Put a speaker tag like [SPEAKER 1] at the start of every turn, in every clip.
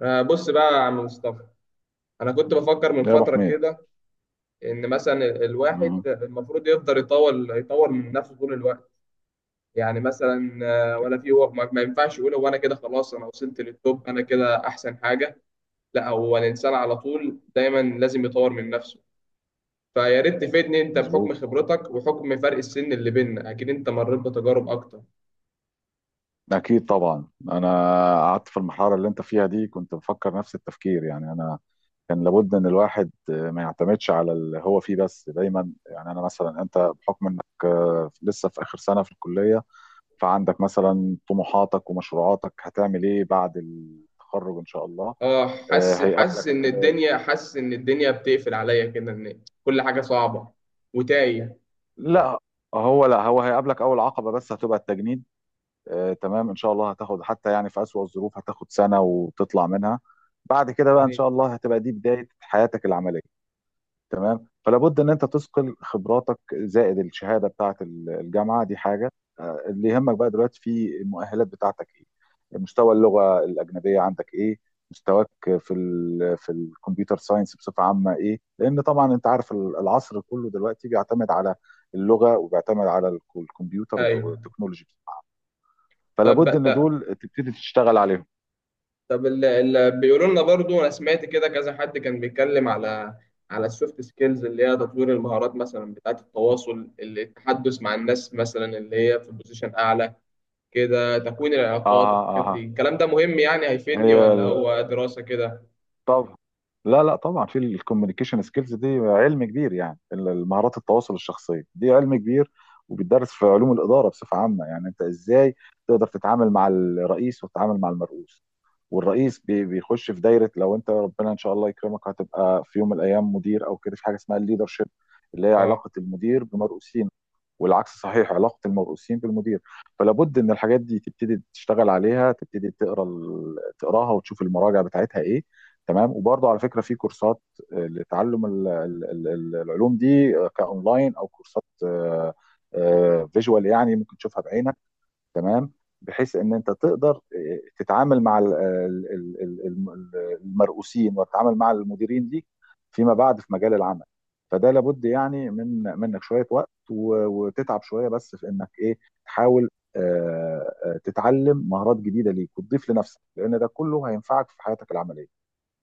[SPEAKER 1] بص بقى يا عم مصطفى. انا كنت بفكر من
[SPEAKER 2] يا ابو
[SPEAKER 1] فتره
[SPEAKER 2] حميد،
[SPEAKER 1] كده ان مثلا الواحد
[SPEAKER 2] مهم.
[SPEAKER 1] المفروض يفضل يطور من نفسه طول الوقت. يعني مثلا، ولا في، هو ما ينفعش يقول، هو انا كده خلاص، انا وصلت للتوب، انا كده احسن حاجه. لا، هو الانسان على طول دايما لازم يطور من نفسه. فيا ريت تفيدني انت
[SPEAKER 2] مظبوط.
[SPEAKER 1] بحكم خبرتك وحكم فرق السن اللي بيننا، اكيد انت مريت بتجارب اكتر.
[SPEAKER 2] اكيد طبعا انا قعدت في المرحله اللي انت فيها دي، كنت بفكر نفس التفكير. يعني انا كان لابد ان الواحد ما يعتمدش على اللي هو فيه بس، دايما يعني انا مثلا انت بحكم انك لسه في اخر سنه في الكليه، فعندك مثلا طموحاتك ومشروعاتك. هتعمل ايه بعد التخرج ان شاء الله؟
[SPEAKER 1] اه،
[SPEAKER 2] آه،
[SPEAKER 1] حاسس
[SPEAKER 2] هيقابلك
[SPEAKER 1] حاسس ان الدنيا بتقفل عليا كده، ان كل حاجه صعبه وتايه.
[SPEAKER 2] لا هو لا هو هيقابلك اول عقبه، بس هتبقى التجنيد. تمام،
[SPEAKER 1] آه.
[SPEAKER 2] ان شاء الله هتاخد، حتى يعني في اسوأ الظروف، هتاخد سنه وتطلع منها. بعد كده
[SPEAKER 1] يا
[SPEAKER 2] بقى ان
[SPEAKER 1] ريت.
[SPEAKER 2] شاء الله هتبقى دي بدايه حياتك العمليه. تمام، فلا بد ان انت تثقل خبراتك زائد الشهاده بتاعه الجامعه دي حاجه. اللي يهمك بقى دلوقتي في المؤهلات بتاعتك ايه؟ مستوى اللغه الاجنبيه عندك ايه؟ مستواك في الكمبيوتر ساينس بصفه عامه ايه؟ لان طبعا انت عارف العصر كله دلوقتي بيعتمد على اللغه، وبيعتمد على الكمبيوتر
[SPEAKER 1] ايوه.
[SPEAKER 2] والتكنولوجي، فلا
[SPEAKER 1] طيب بقى،
[SPEAKER 2] بد ان
[SPEAKER 1] طب
[SPEAKER 2] دول تبتدي تشتغل عليهم.
[SPEAKER 1] طب بيقولوا لنا برضو، انا سمعت كده كذا حد كان بيتكلم على السوفت سكيلز، اللي هي تطوير المهارات مثلا بتاعه التواصل، التحدث مع الناس مثلا اللي هي في بوزيشن اعلى كده، تكوين العلاقات.
[SPEAKER 2] اه
[SPEAKER 1] الحاجات دي
[SPEAKER 2] اه
[SPEAKER 1] الكلام ده مهم، يعني هيفيدني
[SPEAKER 2] هي
[SPEAKER 1] ولا
[SPEAKER 2] ال-
[SPEAKER 1] هو دراسة كده؟
[SPEAKER 2] طب لا، طبعا في الكوميونيكيشن سكيلز دي علم كبير. يعني مهارات التواصل الشخصيه دي علم كبير، وبيدرس في علوم الاداره بصفه عامه. يعني انت ازاي تقدر تتعامل مع الرئيس وتتعامل مع المرؤوس، والرئيس بيخش في دايره. لو انت ربنا ان شاء الله يكرمك هتبقى في يوم من الايام مدير او كده، في حاجه اسمها الليدر شيب، اللي هي علاقه المدير بمرؤوسين، والعكس صحيح علاقه المرؤوسين بالمدير. فلا بد ان الحاجات دي تبتدي تشتغل عليها، تبتدي تقرا تقراها وتشوف المراجع بتاعتها ايه. تمام، وبرضه على فكره في كورسات لتعلم العلوم دي، كاونلاين او كورسات فيجوال، يعني ممكن تشوفها بعينك. تمام، بحيث ان انت تقدر تتعامل مع المرؤوسين وتتعامل مع المديرين ليك فيما بعد في مجال العمل. فده لابد يعني منك شويه وقت وتتعب شويه، بس في انك ايه، تحاول تتعلم مهارات جديده ليك وتضيف لنفسك، لان ده كله هينفعك في حياتك العمليه.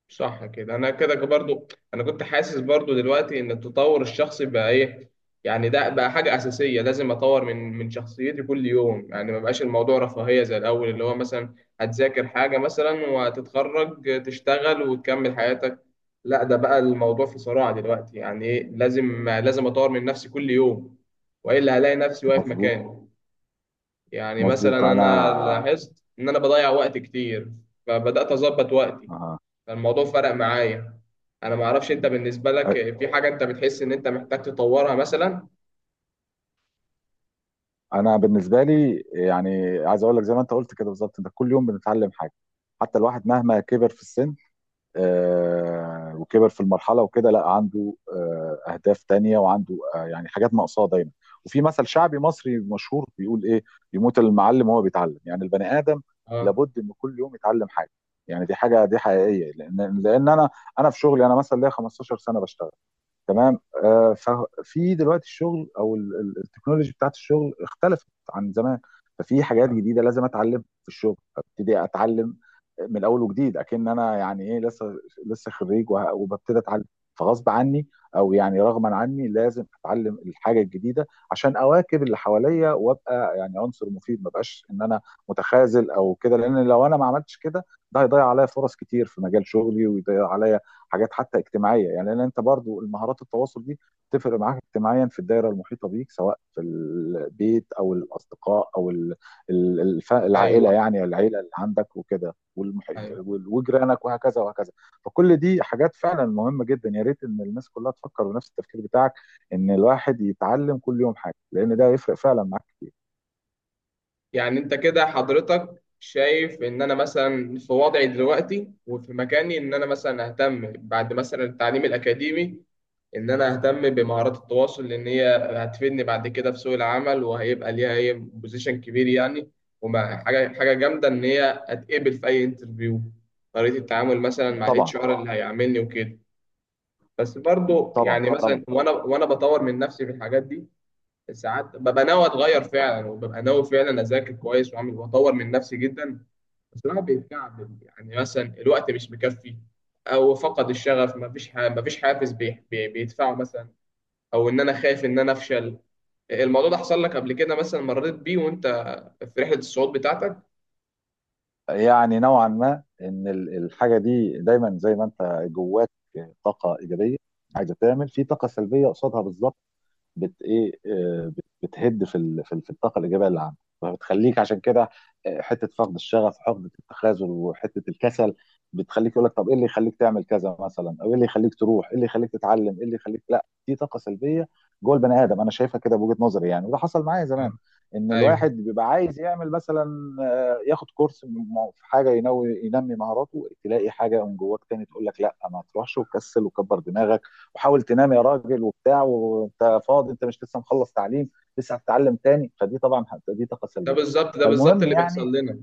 [SPEAKER 1] صح كده. انا كده برضو، انا كنت حاسس برضو دلوقتي ان التطور الشخصي بقى ايه. يعني ده بقى حاجة أساسية، لازم أطور من شخصيتي كل يوم. يعني ما بقاش الموضوع رفاهية زي الأول، اللي هو مثلا هتذاكر حاجة مثلا وهتتخرج تشتغل وتكمل حياتك. لا، ده بقى الموضوع في صراع دلوقتي، يعني إيه، لازم أطور من نفسي كل يوم، وإلا هلاقي نفسي واقف
[SPEAKER 2] مظبوط.
[SPEAKER 1] مكاني. يعني مثلا
[SPEAKER 2] مظبوط انا
[SPEAKER 1] أنا لاحظت إن أنا بضيع وقت كتير، فبدأت أظبط وقتي،
[SPEAKER 2] آه.
[SPEAKER 1] فالموضوع فرق معايا. انا ما اعرفش انت، بالنسبه لك في حاجه انت بتحس ان انت محتاج تطورها مثلا؟
[SPEAKER 2] انا بالنسبه لي يعني عايز اقول لك زي ما انت قلت كده بالظبط، انت كل يوم بنتعلم حاجه. حتى الواحد مهما كبر في السن وكبر في المرحله وكده، لا، عنده اهداف تانية، وعنده يعني حاجات ناقصاه دايما. وفي مثل شعبي مصري مشهور بيقول ايه: يموت المعلم وهو بيتعلم. يعني البني ادم
[SPEAKER 1] اه.
[SPEAKER 2] لابد ان كل يوم يتعلم حاجه. يعني دي حاجه دي حقيقيه، لان انا في شغلي انا مثلا ليا 15 سنه بشتغل. تمام، ففي دلوقتي الشغل او التكنولوجي بتاعت الشغل اختلفت عن زمان. ففي حاجات
[SPEAKER 1] آه.
[SPEAKER 2] جديده لازم اتعلم في الشغل، ابتدي اتعلم من الاول وجديد، اكن انا يعني ايه، لسه خريج وببتدي اتعلم. فغصب عني او يعني رغما عني لازم اتعلم الحاجه الجديده، عشان اواكب اللي حواليا وابقى يعني عنصر مفيد، ما بقاش ان انا متخاذل او كده. لان لو انا ما عملتش كده، ده هيضيع عليا فرص كتير في مجال شغلي، ويضيع عليا حاجات حتى اجتماعيه. يعني لان انت برضو المهارات التواصل دي تفرق معاك اجتماعيا في الدايره المحيطه بيك، سواء في البيت او الاصدقاء او العائله،
[SPEAKER 1] ايوه.
[SPEAKER 2] يعني العيله اللي عندك وكده،
[SPEAKER 1] ايوه.
[SPEAKER 2] وجيرانك وهكذا وهكذا. فكل دي حاجات فعلا مهمه جدا. يا ريت ان الناس كلها تفكر بنفس التفكير بتاعك، ان الواحد يتعلم كل يوم حاجه، لان ده يفرق فعلا معاك كتير.
[SPEAKER 1] يعني انت كده حضرتك شايف ان انا مثلا في وضعي دلوقتي وفي مكاني، ان انا مثلا اهتم بعد مثلا التعليم الاكاديمي، ان انا اهتم بمهارات التواصل، لان هي هتفيدني بعد كده في سوق العمل، وهيبقى ليها هي بوزيشن كبير يعني. وما حاجه حاجه جامده ان هي اتقبل في اي انترفيو، طريقه التعامل مثلا مع
[SPEAKER 2] طبعا،
[SPEAKER 1] الاتش ار اللي هيعاملني وكده. بس برضه
[SPEAKER 2] طبعا،
[SPEAKER 1] يعني مثلا،
[SPEAKER 2] طبعا.
[SPEAKER 1] وانا بطور من نفسي في الحاجات دي، ساعات ببقى ناوي اتغير فعلا، وببقى ناوي فعلا اذاكر كويس واعمل واطور من نفسي جدا. بس الواحد بيتكعبل، يعني مثلا الوقت مش مكفي، او فقد الشغف، ما فيش حافز بيدفعه مثلا، او ان انا خايف ان انا افشل. الموضوع ده حصل لك قبل كده مثلا، مريت بيه وانت في رحلة الصعود بتاعتك؟
[SPEAKER 2] يعني نوعا ما ان الحاجه دي دايما، زي ما انت جواك طاقه ايجابيه، عايزه تعمل في طاقه سلبيه قصادها بالظبط، بت ايه آه، بت- بتهد في الطاقه الايجابيه اللي عندك، فبتخليك عشان كده حته فقد الشغف وحقد التخاذل وحته الكسل، بتخليك يقول لك طب ايه اللي يخليك تعمل كذا مثلا، او ايه اللي يخليك تروح، ايه اللي يخليك تتعلم، ايه اللي يخليك. لا، دي طاقه سلبيه جوه البني ادم، انا شايفها كده بوجهه نظري. يعني وده حصل معايا زمان،
[SPEAKER 1] آه.
[SPEAKER 2] ان
[SPEAKER 1] ايوه.
[SPEAKER 2] الواحد بيبقى عايز يعمل مثلا، ياخد كورس في حاجه ينوي ينمي مهاراته، تلاقي حاجه من جواك تاني تقول لك لا ما تروحش، وكسل وكبر دماغك وحاول تنام يا راجل وبتاع، وانت فاضي، انت مش لسه مخلص تعليم، لسه هتتعلم تاني. فدي طبعا دي طاقه
[SPEAKER 1] ده
[SPEAKER 2] سلبيه.
[SPEAKER 1] بالظبط، ده بالظبط
[SPEAKER 2] فالمهم
[SPEAKER 1] اللي بيحصل
[SPEAKER 2] يعني،
[SPEAKER 1] لنا.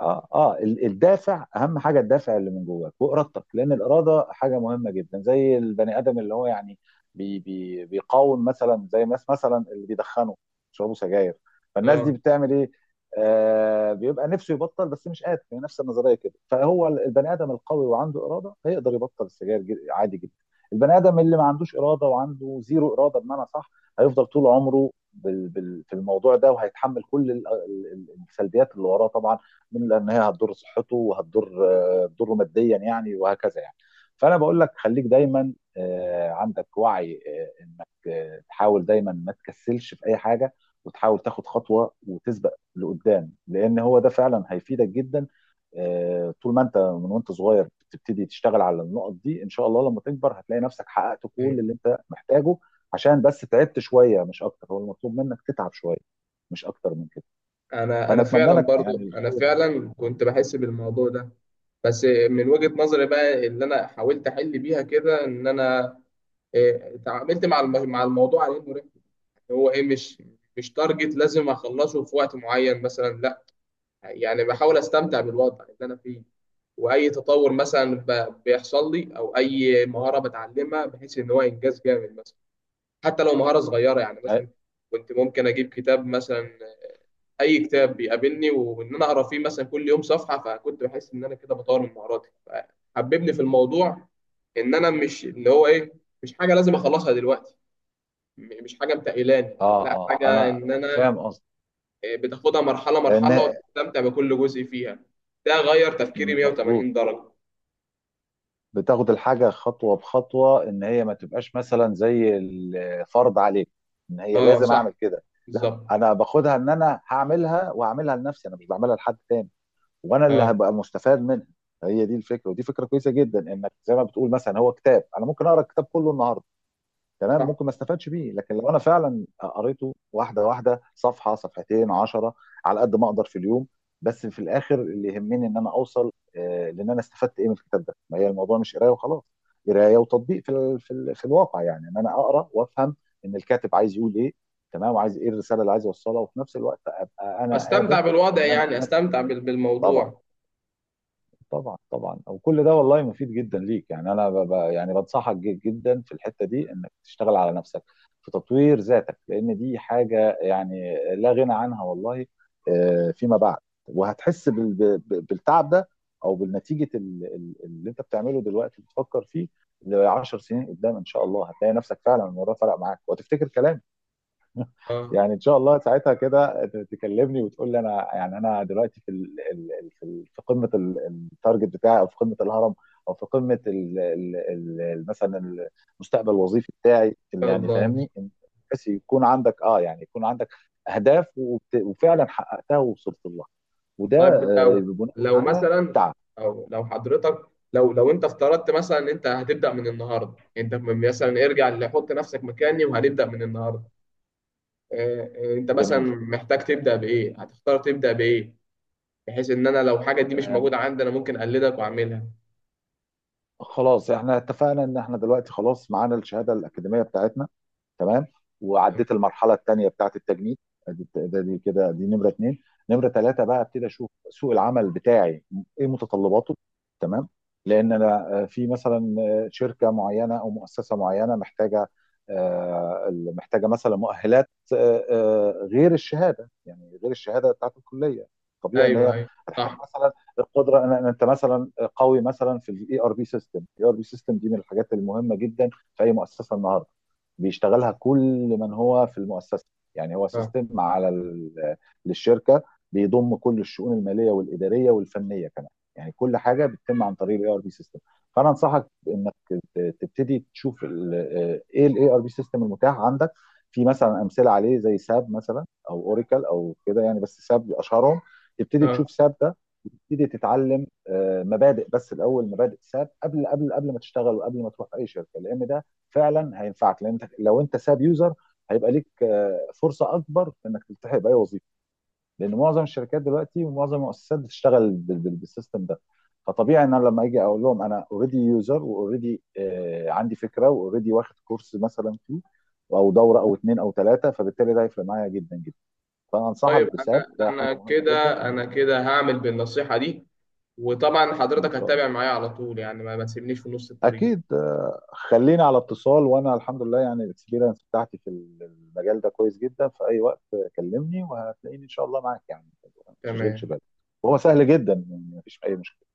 [SPEAKER 2] الدافع اهم حاجه، الدافع اللي من جواك وارادتك، لان الاراده حاجه مهمه جدا. زي البني ادم اللي هو يعني بي بي بيقاوم مثلا، زي الناس مثلا اللي بيدخنوا، بيشربوا سجاير، فالناس دي
[SPEAKER 1] اه.
[SPEAKER 2] بتعمل ايه؟ آه، بيبقى نفسه يبطل بس مش قادر. هي نفس النظريه كده، فهو البني ادم القوي وعنده اراده هيقدر يبطل السجاير، عادي جدا. البني ادم اللي ما عندوش اراده وعنده زيرو اراده بمعنى صح، هيفضل طول عمره بال في الموضوع ده، وهيتحمل كل السلبيات اللي وراه طبعا، من، لان هي هتضر صحته وهتضر هتضره ماديا يعني وهكذا يعني. فانا بقول لك خليك دايما عندك وعي انك تحاول دايما ما تكسلش في اي حاجه، وتحاول تاخد خطوه وتسبق لقدام، لان هو ده فعلا هيفيدك جدا. طول ما انت من وانت صغير بتبتدي تشتغل على النقط دي، ان شاء الله لما تكبر هتلاقي نفسك حققت كل
[SPEAKER 1] ايوه.
[SPEAKER 2] اللي انت محتاجه، عشان بس تعبت شويه، مش اكتر. هو المطلوب منك تتعب شويه، مش اكتر من كده.
[SPEAKER 1] انا
[SPEAKER 2] فانا
[SPEAKER 1] انا
[SPEAKER 2] اتمنى
[SPEAKER 1] فعلا
[SPEAKER 2] لك
[SPEAKER 1] برضو،
[SPEAKER 2] يعني
[SPEAKER 1] انا
[SPEAKER 2] الخير.
[SPEAKER 1] فعلا كنت بحس بالموضوع ده. بس من وجهة نظري بقى اللي انا حاولت احل بيها كده، ان انا تعاملت مع مع الموضوع على انه رحله، هو ايه، مش تارجت لازم اخلصه في وقت معين مثلا، لا. يعني بحاول استمتع بالوضع اللي انا فيه، واي تطور مثلا بيحصل لي، او اي مهارة بتعلمها، بحيث ان هو انجاز جامد مثلا، حتى لو مهارة صغيرة. يعني مثلا كنت ممكن اجيب كتاب مثلا، اي كتاب بيقابلني، وان انا اقرا فيه مثلا كل يوم صفحة، فكنت بحس ان انا كده بطور من مهاراتي. حببني في الموضوع، ان انا مش اللي هو ايه، مش حاجه لازم اخلصها دلوقتي، مش حاجه متقلاني،
[SPEAKER 2] اه
[SPEAKER 1] لا،
[SPEAKER 2] اه
[SPEAKER 1] حاجه
[SPEAKER 2] انا
[SPEAKER 1] ان انا،
[SPEAKER 2] فاهم قصدي
[SPEAKER 1] إيه، بتاخدها مرحله
[SPEAKER 2] ان
[SPEAKER 1] مرحله، وبتستمتع بكل جزء فيها. ده غير تفكيري 180
[SPEAKER 2] مظبوط،
[SPEAKER 1] درجه.
[SPEAKER 2] بتاخد الحاجه خطوه بخطوه، ان هي ما تبقاش مثلا زي الفرض عليك ان هي
[SPEAKER 1] اه،
[SPEAKER 2] لازم اعمل
[SPEAKER 1] صح،
[SPEAKER 2] كده. لا،
[SPEAKER 1] بالظبط.
[SPEAKER 2] انا باخدها ان انا هعملها، وهعملها لنفسي، انا مش بعملها لحد تاني، وانا اللي
[SPEAKER 1] اه،
[SPEAKER 2] هبقى مستفاد منها. هي دي الفكره، ودي فكره كويسه جدا، انك زي ما بتقول مثلا هو كتاب، انا ممكن اقرا الكتاب كله النهارده، تمام،
[SPEAKER 1] صح.
[SPEAKER 2] ممكن ما استفادش بيه، لكن لو انا فعلا قريته واحده واحده، صفحه صفحتين عشرة، على قد ما اقدر في اليوم. بس في الاخر اللي يهمني ان انا اوصل، لان انا استفدت ايه من الكتاب ده. ما هي الموضوع مش قرايه وخلاص، قرايه وتطبيق في الواقع. يعني ان انا اقرا وافهم ان الكاتب عايز يقول ايه، تمام، وعايز ايه الرساله اللي عايز يوصلها، وفي نفس الوقت ابقى انا
[SPEAKER 1] استمتع
[SPEAKER 2] قادر
[SPEAKER 1] بالوضع،
[SPEAKER 2] ان انا
[SPEAKER 1] يعني
[SPEAKER 2] انفذ.
[SPEAKER 1] استمتع
[SPEAKER 2] طبعا
[SPEAKER 1] بالموضوع.
[SPEAKER 2] طبعا طبعا. وكل ده والله مفيد جدا ليك. يعني يعني بنصحك جدا في الحته دي انك تشتغل على نفسك في تطوير ذاتك، لان دي حاجه يعني لا غنى عنها والله فيما بعد. وهتحس بالتعب ده، او بالنتيجه اللي انت بتعمله دلوقتي بتفكر فيه ل 10 سنين قدام، ان شاء الله هتلاقي نفسك فعلا الموضوع فرق معاك، وهتفتكر كلامي.
[SPEAKER 1] اه.
[SPEAKER 2] يعني ان شاء الله ساعتها كده تكلمني وتقول لي انا يعني انا دلوقتي في قمه التارجت بتاعي، او في قمه الهرم، او في قمه ال ال ال مثلا المستقبل الوظيفي بتاعي،
[SPEAKER 1] ان
[SPEAKER 2] اللي
[SPEAKER 1] شاء
[SPEAKER 2] يعني
[SPEAKER 1] الله.
[SPEAKER 2] فاهمني. بس يكون عندك اه، يعني يكون عندك اهداف، وفعلا حققتها ووصلت لها. وده
[SPEAKER 1] طيب، لو
[SPEAKER 2] بناء
[SPEAKER 1] لو
[SPEAKER 2] على
[SPEAKER 1] مثلا،
[SPEAKER 2] التعب.
[SPEAKER 1] او لو حضرتك لو انت افترضت مثلا ان انت هتبدا من النهارده، انت مثلا ارجع، اللي حط نفسك مكاني وهنبدا من النهارده. انت مثلا
[SPEAKER 2] جميل.
[SPEAKER 1] محتاج تبدا بايه، هتختار تبدا بايه؟ بحيث ان انا لو حاجه دي مش
[SPEAKER 2] آه،
[SPEAKER 1] موجوده عندي، انا ممكن اقلدك واعملها.
[SPEAKER 2] خلاص احنا اتفقنا ان احنا دلوقتي خلاص معانا الشهاده الاكاديميه بتاعتنا. تمام،
[SPEAKER 1] تمام.
[SPEAKER 2] وعديت المرحله الثانيه بتاعت التجنيد. ادي ده دي كده دي نمره اثنين. نمره ثلاثه بقى، ابتدي اشوف سوق العمل بتاعي ايه متطلباته. تمام، لان انا في مثلا شركه معينه او مؤسسه معينه محتاجه محتاجه مثلا مؤهلات غير الشهاده، يعني غير الشهاده بتاعت الكليه. طبيعي ان
[SPEAKER 1] ايوه.
[SPEAKER 2] هي
[SPEAKER 1] ايوه.
[SPEAKER 2] هتحتاج
[SPEAKER 1] صح.
[SPEAKER 2] مثلا القدره ان انت مثلا قوي مثلا في الاي ار بي سيستم. الاي ار بي سيستم دي من الحاجات المهمه جدا في اي مؤسسه النهارده، بيشتغلها كل من هو في المؤسسه. يعني هو
[SPEAKER 1] اه.
[SPEAKER 2] سيستم على للشركه، بيضم كل الشؤون الماليه والاداريه والفنيه كمان. يعني كل حاجه بتتم عن طريق الاي ار بي سيستم. فانا انصحك انك تبتدي تشوف ايه الاي ار بي سيستم المتاح عندك. في مثلا امثله عليه زي ساب مثلا، او اوراكل او كده، يعني بس ساب اشهرهم. تبتدي
[SPEAKER 1] اه.
[SPEAKER 2] تشوف ساب ده، وتبتدي تتعلم مبادئ، بس الاول مبادئ ساب، قبل قبل ما تشتغل وقبل ما تروح اي شركه، لان ده فعلا هينفعك. لان انت لو انت ساب يوزر، هيبقى ليك فرصه اكبر في انك تلتحق باي وظيفه، لان معظم الشركات دلوقتي ومعظم المؤسسات بتشتغل بالسيستم ده. فطبيعي ان انا لما اجي اقول لهم انا اوريدي يوزر، واوريدي عندي فكره، واوريدي واخد كورس مثلا فيه، او دوره او اتنين او تلاته، فبالتالي ده هيفرق معايا جدا جدا. فانا
[SPEAKER 1] طيب،
[SPEAKER 2] انصحك بساب ده حاجه مهمه جدا.
[SPEAKER 1] انا كده هعمل بالنصيحه دي. وطبعا
[SPEAKER 2] ان
[SPEAKER 1] حضرتك
[SPEAKER 2] شاء
[SPEAKER 1] هتتابع
[SPEAKER 2] الله.
[SPEAKER 1] معايا على طول، يعني ما تسيبنيش في نص الطريق.
[SPEAKER 2] اكيد، خليني على اتصال، وانا الحمد لله يعني الاكسبيرينس بتاعتي في المجال ده كويس جدا. في اي وقت كلمني وهتلاقيني ان شاء الله معاك، يعني ما تشغلش
[SPEAKER 1] تمام.
[SPEAKER 2] بالك. وهو سهل جدا، يعني مفيش اي مشكله.